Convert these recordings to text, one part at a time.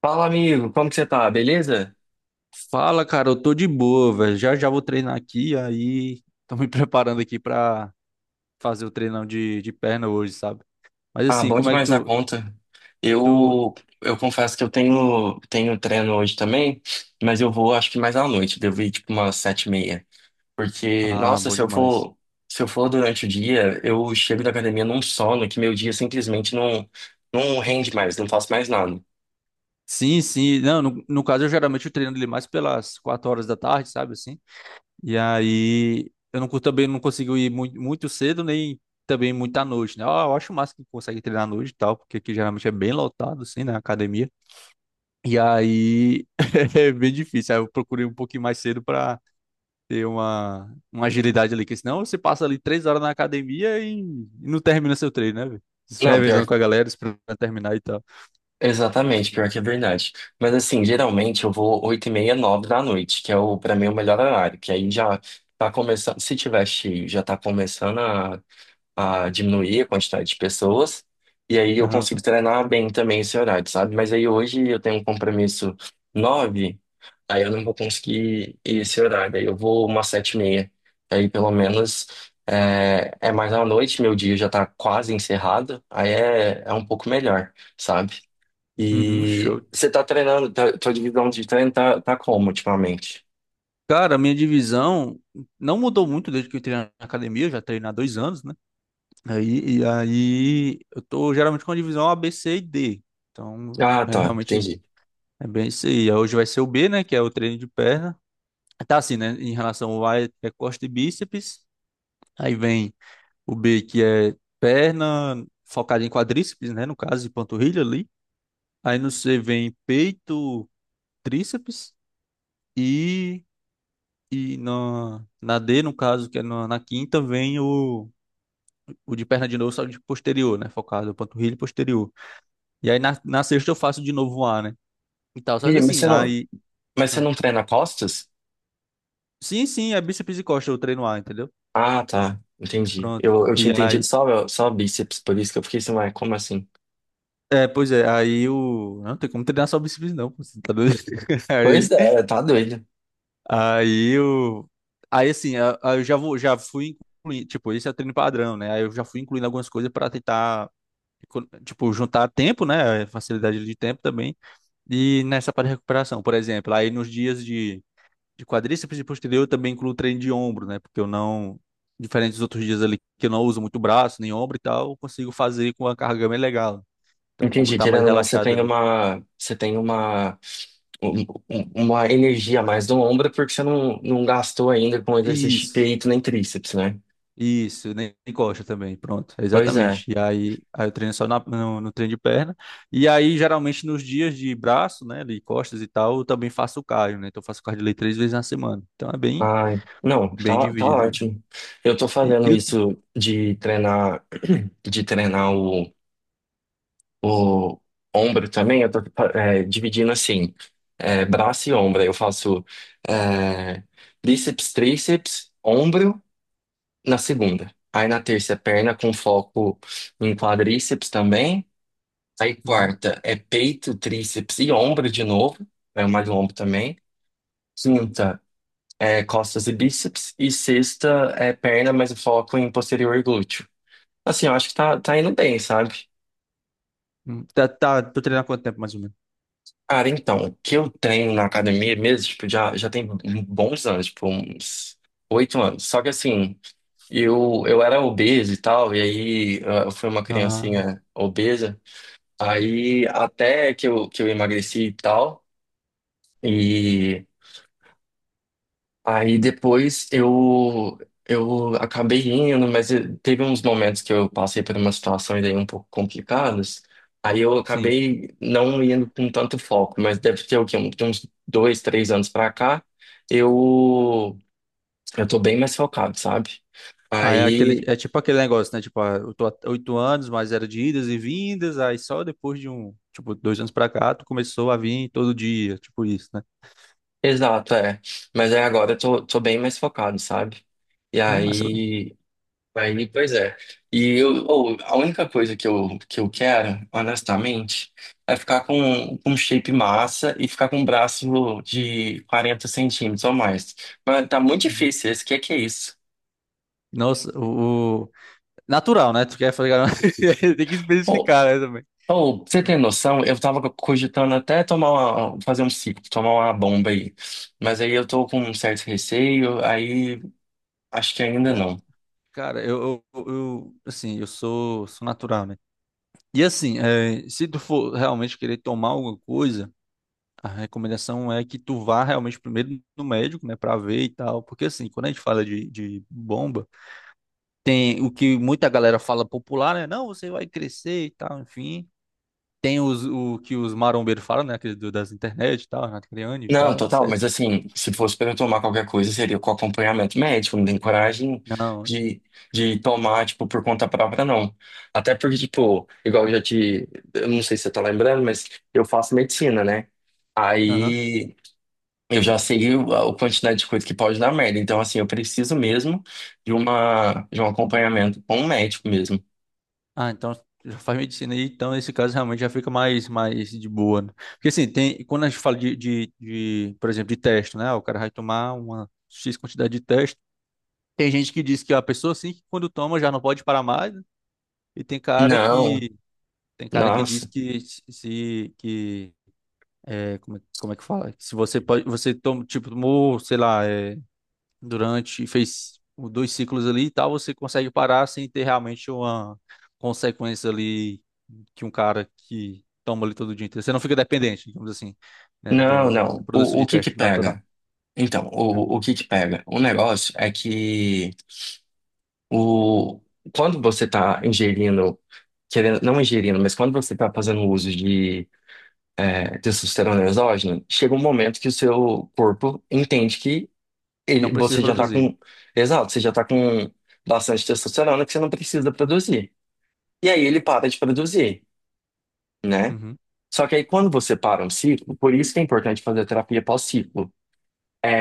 Fala, amigo, como que você tá? Beleza? Fala, cara, eu tô de boa, velho. Já vou treinar aqui, aí tô me preparando aqui pra fazer o treinão de perna hoje, sabe? Mas Ah, assim, bom como é que demais da tu, conta. tu... Eu eu confesso que eu tenho treino hoje também, mas eu vou acho que mais à noite, devo ir tipo umas 7:30. Porque, Ah, nossa, bom se eu demais. for se eu for durante o dia, eu chego da academia num sono que meu dia simplesmente não rende mais, não faço mais nada. Sim, sim. Não, no caso, eu geralmente eu treino ele mais pelas 4 horas da tarde, sabe assim? E aí eu não, também não consigo ir muito cedo, nem também muito à noite, né? Eu acho massa que consegue treinar à noite e tal, porque aqui geralmente é bem lotado, assim, na academia. E aí é bem difícil. Aí eu procurei um pouquinho mais cedo pra ter uma agilidade ali, que senão você passa ali 3 horas na academia e não termina seu treino, né, velho? Se Não, revezando pior. com a galera, esperando terminar e tal. Exatamente, pior que é verdade. Mas assim, geralmente eu vou 8:30, 9h da noite, que é o para mim o melhor horário, que aí já tá começando, se tiver cheio, já tá começando a diminuir a quantidade de pessoas, e aí eu Aham. consigo treinar bem também esse horário, sabe? Mas aí hoje eu tenho um compromisso 9h, aí eu não vou conseguir ir esse horário, aí eu vou umas 7:30, aí pelo menos é mais à noite, meu dia já tá quase encerrado, aí é um pouco melhor, sabe? Uhum, E show. você tá treinando, tá, tua divisão de treino tá como ultimamente? Cara, a minha divisão não mudou muito desde que eu entrei na academia, eu já treino há 2 anos, né? Aí, e aí eu tô geralmente com a divisão A, B, C e D. Então, Ah, é tá, realmente isso. entendi. É bem isso aí. Hoje vai ser o B, né? Que é o treino de perna. Tá assim, né? Em relação ao A, é costa e bíceps. Aí vem o B, que é perna, focada em quadríceps, né? No caso, e panturrilha ali. Aí no C vem peito, tríceps. E, na D, no caso, que é na quinta, vem o de perna de novo, só de posterior, né? Focado em panturrilha e posterior. E aí na sexta eu faço de novo o A, né? E tal. Só que Ih, mas assim, você não, aí. mas você ah, não treina costas? Sim, sim, é bíceps e costa, eu treino A, entendeu? Ah, tá, entendi. Pronto. Eu tinha E entendido aí. só bíceps, por isso que eu fiquei assim, ué, como assim? É, pois é, aí o. Não tem como treinar só bíceps, não. Você tá doido? Pois Aí. é, tá doido. Aí eu. Aí assim, eu já vou, já fui incluindo, tipo, esse é o treino padrão, né? Aí eu já fui incluindo algumas coisas para tentar, tipo, juntar tempo, né? Facilidade de tempo também. E nessa parte de recuperação, por exemplo, aí nos dias de quadríceps e posterior eu também incluo treino de ombro, né? Porque eu não, diferente dos outros dias ali que eu não uso muito braço, nem ombro e tal, eu consigo fazer com a carga bem legal. Então o ombro Entendi, tá mais querendo ou não, você relaxado tem ali. Um- uma energia a mais no ombro porque você não gastou ainda com exercício de Isso. peito nem tríceps, né? Isso, nem coxa também, pronto, Pois é. exatamente. E aí, aí eu treino só no treino de perna. E aí, geralmente, nos dias de braço, né, de costas e tal, eu também faço cardio, né? Então, eu faço cardio ali 3 vezes na semana. Então, é bem, Ai, não, bem tá dividido ali. ótimo. Eu tô E, fazendo e o- isso de treinar o ombro também. Eu tô dividindo assim, braço e ombro. Eu faço é, bíceps, tríceps, ombro na segunda. Aí na terça é perna com foco em quadríceps também. Aí Uhum. quarta é peito, tríceps e ombro de novo. É mais ombro também. Quinta é costas e bíceps, e sexta é perna, mas o foco em posterior glúteo. Assim, eu acho que tá indo bem, sabe? Uhum. Tá, tá, tô treinando há quanto tempo, mais ou menos? Cara, então, o que eu treino na academia mesmo, tipo, já tem bons anos, tipo, uns 8 anos. Só que assim, eu era obeso e tal, e aí eu fui uma Ah, criancinha obesa, aí até que eu emagreci e tal. Aí depois eu acabei indo, mas teve uns momentos que eu passei por umas situações aí um pouco complicadas. Aí eu sim. acabei não indo com tanto foco, mas deve ter o quê? De uns 2, 3 anos pra cá, eu eu tô bem mais focado, sabe? Aí é aquele, Aí, é tipo aquele negócio, né? Tipo, ah, eu tô há 8 anos, mas era de idas e vindas, aí só depois de um, tipo, 2 anos pra cá, tu começou a vir todo dia, tipo isso, né? exato, é. Mas aí agora eu tô bem mais focado, sabe? E Massa, aí. Aí, pois é. A única coisa que eu quero, honestamente, é ficar com um shape massa e ficar com um braço de 40 centímetros ou mais. Mas tá muito velho. difícil esse, que é isso? Nossa, natural, né? Tu quer falar. Tem que Ou, especificar, né, também. Pra você tem noção, eu tava cogitando até tomar fazer um ciclo, tomar uma bomba aí. Mas aí eu tô com um certo receio, aí acho que ainda Ca- não. Cara, assim, eu sou natural, né? E assim, é, se tu for realmente querer tomar alguma coisa, a recomendação é que tu vá realmente primeiro no médico, né, pra ver e tal. Porque assim, quando a gente fala de bomba, tem o que muita galera fala popular, né? Não, você vai crescer e tal, enfim. Tem os, o que os marombeiros falam, né? Aquele das internet e tal, Renato Criani e Não, tal, total, mas etc. assim, se fosse para eu tomar qualquer coisa, seria com acompanhamento médico, não tem coragem Não. de, de tomar, tipo, por conta própria, não. Até porque, tipo, igual eu já te. Eu não sei se você tá lembrando, mas eu faço medicina, né? Aham. Aí eu já sei a quantidade de coisa que pode dar merda. Então, assim, eu preciso mesmo de uma, de um acompanhamento com um médico mesmo. Ah, então já faz medicina aí, então nesse caso realmente já fica mais, mais de boa, né? Porque assim, tem, quando a gente fala de, por exemplo, de teste, né? O cara vai tomar uma X quantidade de teste. Tem gente que diz que a pessoa assim, que quando toma já não pode parar mais, né? e tem cara Não, que tem cara que diz nossa, que se que é, como, como é que fala? Que se você pode, você toma, tipo, tomou, sei lá, é, durante, fez 2 ciclos ali e tal, você consegue parar sem ter realmente uma consequência ali que um cara que toma ali todo dia inteiro. Você não fica dependente, digamos assim, né, não, da não. produção O de que que teste natural. pega? Então, Né? o que que pega? O negócio é que. O, quando você está ingerindo, querendo, não ingerindo, mas quando você está fazendo uso de testosterona exógena, chega um momento que o seu corpo entende que Não ele, precisa você já está produzir. com, exato, você já está com bastante testosterona que você não precisa produzir. E aí ele para de produzir, né? Uhum, Só que aí quando você para um ciclo, por isso que é importante fazer a terapia pós-ciclo.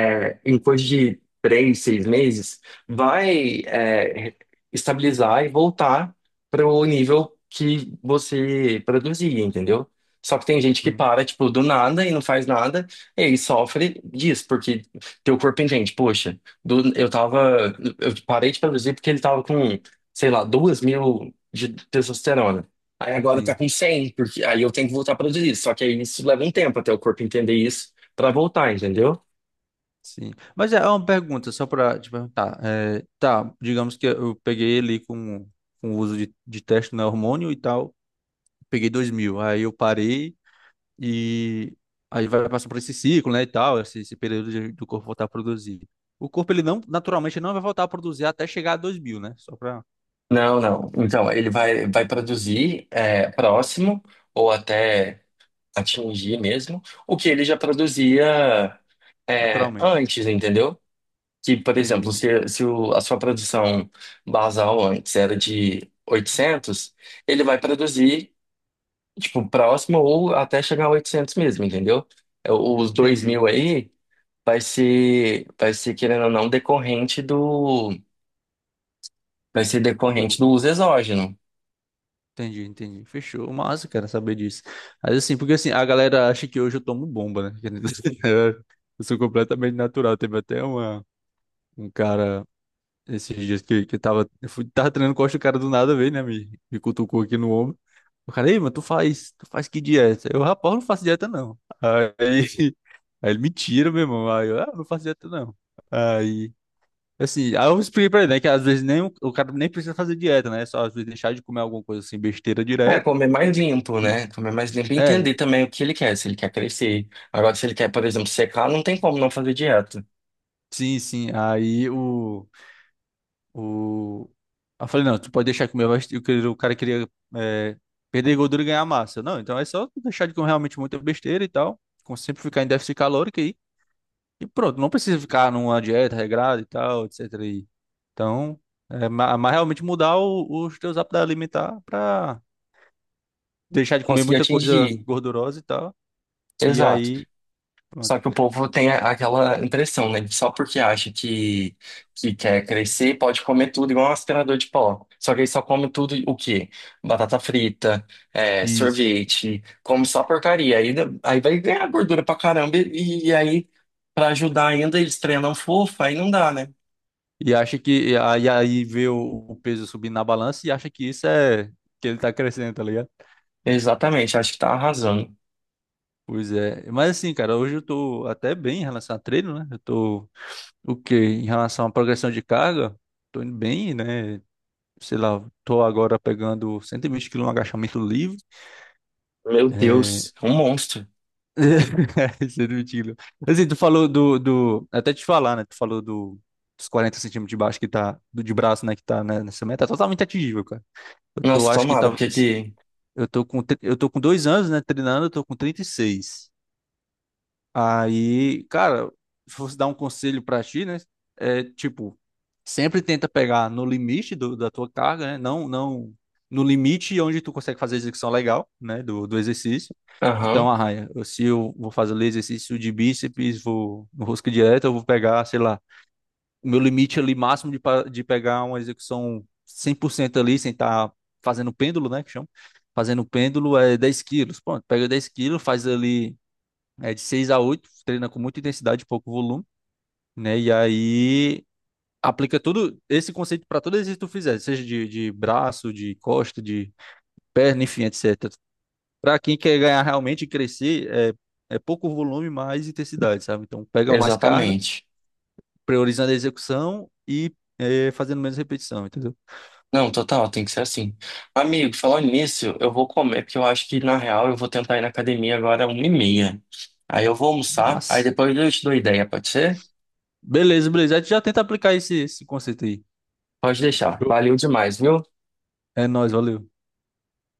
É em coisa de 3, 6 meses, vai estabilizar e voltar para o nível que você produzia, entendeu? Só que tem gente que uhum. para, tipo, do nada e não faz nada, e aí sofre disso, porque teu corpo entende, poxa, do- eu tava, eu parei de produzir porque ele tava com, sei lá, 2.000 de testosterona. Aí agora tá Sim, com 100 porque aí eu tenho que voltar a produzir. Só que aí isso leva um tempo até o corpo entender isso pra voltar, entendeu? sim. Mas é uma pergunta, só para te perguntar. É, tá, digamos que eu peguei ele com o uso de teste no hormônio e tal, peguei 2.000, aí eu parei. E aí vai passar por esse ciclo, né, e tal, esse período do corpo voltar a produzir. O corpo, ele não, naturalmente, não vai voltar a produzir até chegar a 2.000, né? Só pra, Não, não. Então, ele vai produzir próximo ou até atingir mesmo o que ele já produzia naturalmente. antes, entendeu? Que, por Entendi, exemplo, entendi. se a sua produção basal antes era de 800, ele vai produzir, tipo, próximo ou até chegar a 800 mesmo, entendeu? Os dois Entendi. mil aí vai ser, querendo ou não, decorrente Du- do uso exógeno. Entendi, entendi. Fechou. Massa, cara, saber disso. Mas assim, porque assim, a galera acha que hoje eu tomo bomba, né? Eu sou completamente natural. Teve até uma, um cara esses dias que eu tava, eu fui, tava treinando costa, o cara do nada veio, né? Me cutucou aqui no ombro. O cara, ei, mas tu faz que dieta? Eu, rapaz, eu não faço dieta, não. Aí, aí ele me tira, meu irmão. Aí eu, ah, não faço dieta, não. Aí, assim, aí eu expliquei pra ele, né? Que às vezes nem, o cara nem precisa fazer dieta, né? Só às vezes deixar de comer alguma coisa assim, besteira É, direto. comer mais limpo, E, né? Comer mais limpo e é, entender também o que ele quer, se ele quer crescer. Agora, se ele quer, por exemplo, secar, não tem como não fazer dieta. sim, sim. Aí o. O... Aí eu falei, não, tu pode deixar de comer meu vai... O cara queria é, perder gordura e ganhar massa. Eu, não, então é só tu deixar de comer realmente muita besteira e tal. Sempre ficar em déficit calórico aí. E pronto, não precisa ficar numa dieta regrada e tal, etc. E... Então, é, mas realmente mudar os teus hábitos alimentar pra deixar de comer Conseguir muita coisa atingir. gordurosa e tal. E Exato. aí, Só pronto. que o povo tem aquela impressão, né? Só porque acha que quer crescer, pode comer tudo, igual um aspirador de pó. Só que ele só come tudo o quê? Batata frita, Isso. sorvete, come só porcaria. Aí, aí vai ganhar gordura pra caramba e aí, pra ajudar ainda, eles treinam fofo, aí não dá, né? E acha que... E aí aí vê o peso subindo na balança e acha que isso é... Que ele tá crescendo, tá ligado? Exatamente, acho que tá arrasando. Pois é, mas assim, cara, hoje eu tô até bem em relação a treino, né? Eu tô o quê? Em relação à progressão de carga, tô indo bem, né? Sei lá, tô agora pegando 120 quilos no agachamento livre. Meu É... Deus, um monstro. 120 quilos. Assim, tu falou do. Até te falar, né? Tu falou dos 40 centímetros de baixo que tá. Do de braço, né? Que tá né, nessa meta. Tá totalmente atingível, cara. Eu tô, Nossa, acho que tomara, tá. porque aqui. Eu tô com, eu tô com 2 anos, né? Treinando, eu tô com 36. Aí, cara, se fosse dar um conselho pra ti, né? É tipo, sempre tenta pegar no limite da tua carga, né? Não, não no limite onde tu consegue fazer a execução legal, né? Do exercício. Aham, Então, arranha. Se eu vou fazer ali exercício de bíceps, vou no rosca direta, eu vou pegar, sei lá, o meu limite ali máximo de, de pegar uma execução 100% ali, sem estar fazendo pêndulo, né? Que chama. Fazendo pêndulo é 10 quilos. Pronto, pega 10 quilos, faz ali. É de 6 a 8, treina com muita intensidade, e pouco volume, né? E aí aplica todo esse conceito para todo exercício que tu fizer, seja de braço, de costa, de perna, enfim, etc. Para quem quer ganhar realmente e crescer, é, é pouco volume, mais intensidade, sabe? Então pega mais carga, exatamente. priorizando a execução e é, fazendo menos repetição, entendeu? Não, total, tem que ser assim. Amigo, falando nisso, eu vou comer, porque eu acho que, na real, eu vou tentar ir na academia agora 1:30. Aí eu vou almoçar, aí Mas, depois eu te dou ideia, pode ser? beleza, beleza. A gente já tenta aplicar esse, esse conceito aí. Pode deixar. Show. Valeu demais, viu? É nóis, valeu.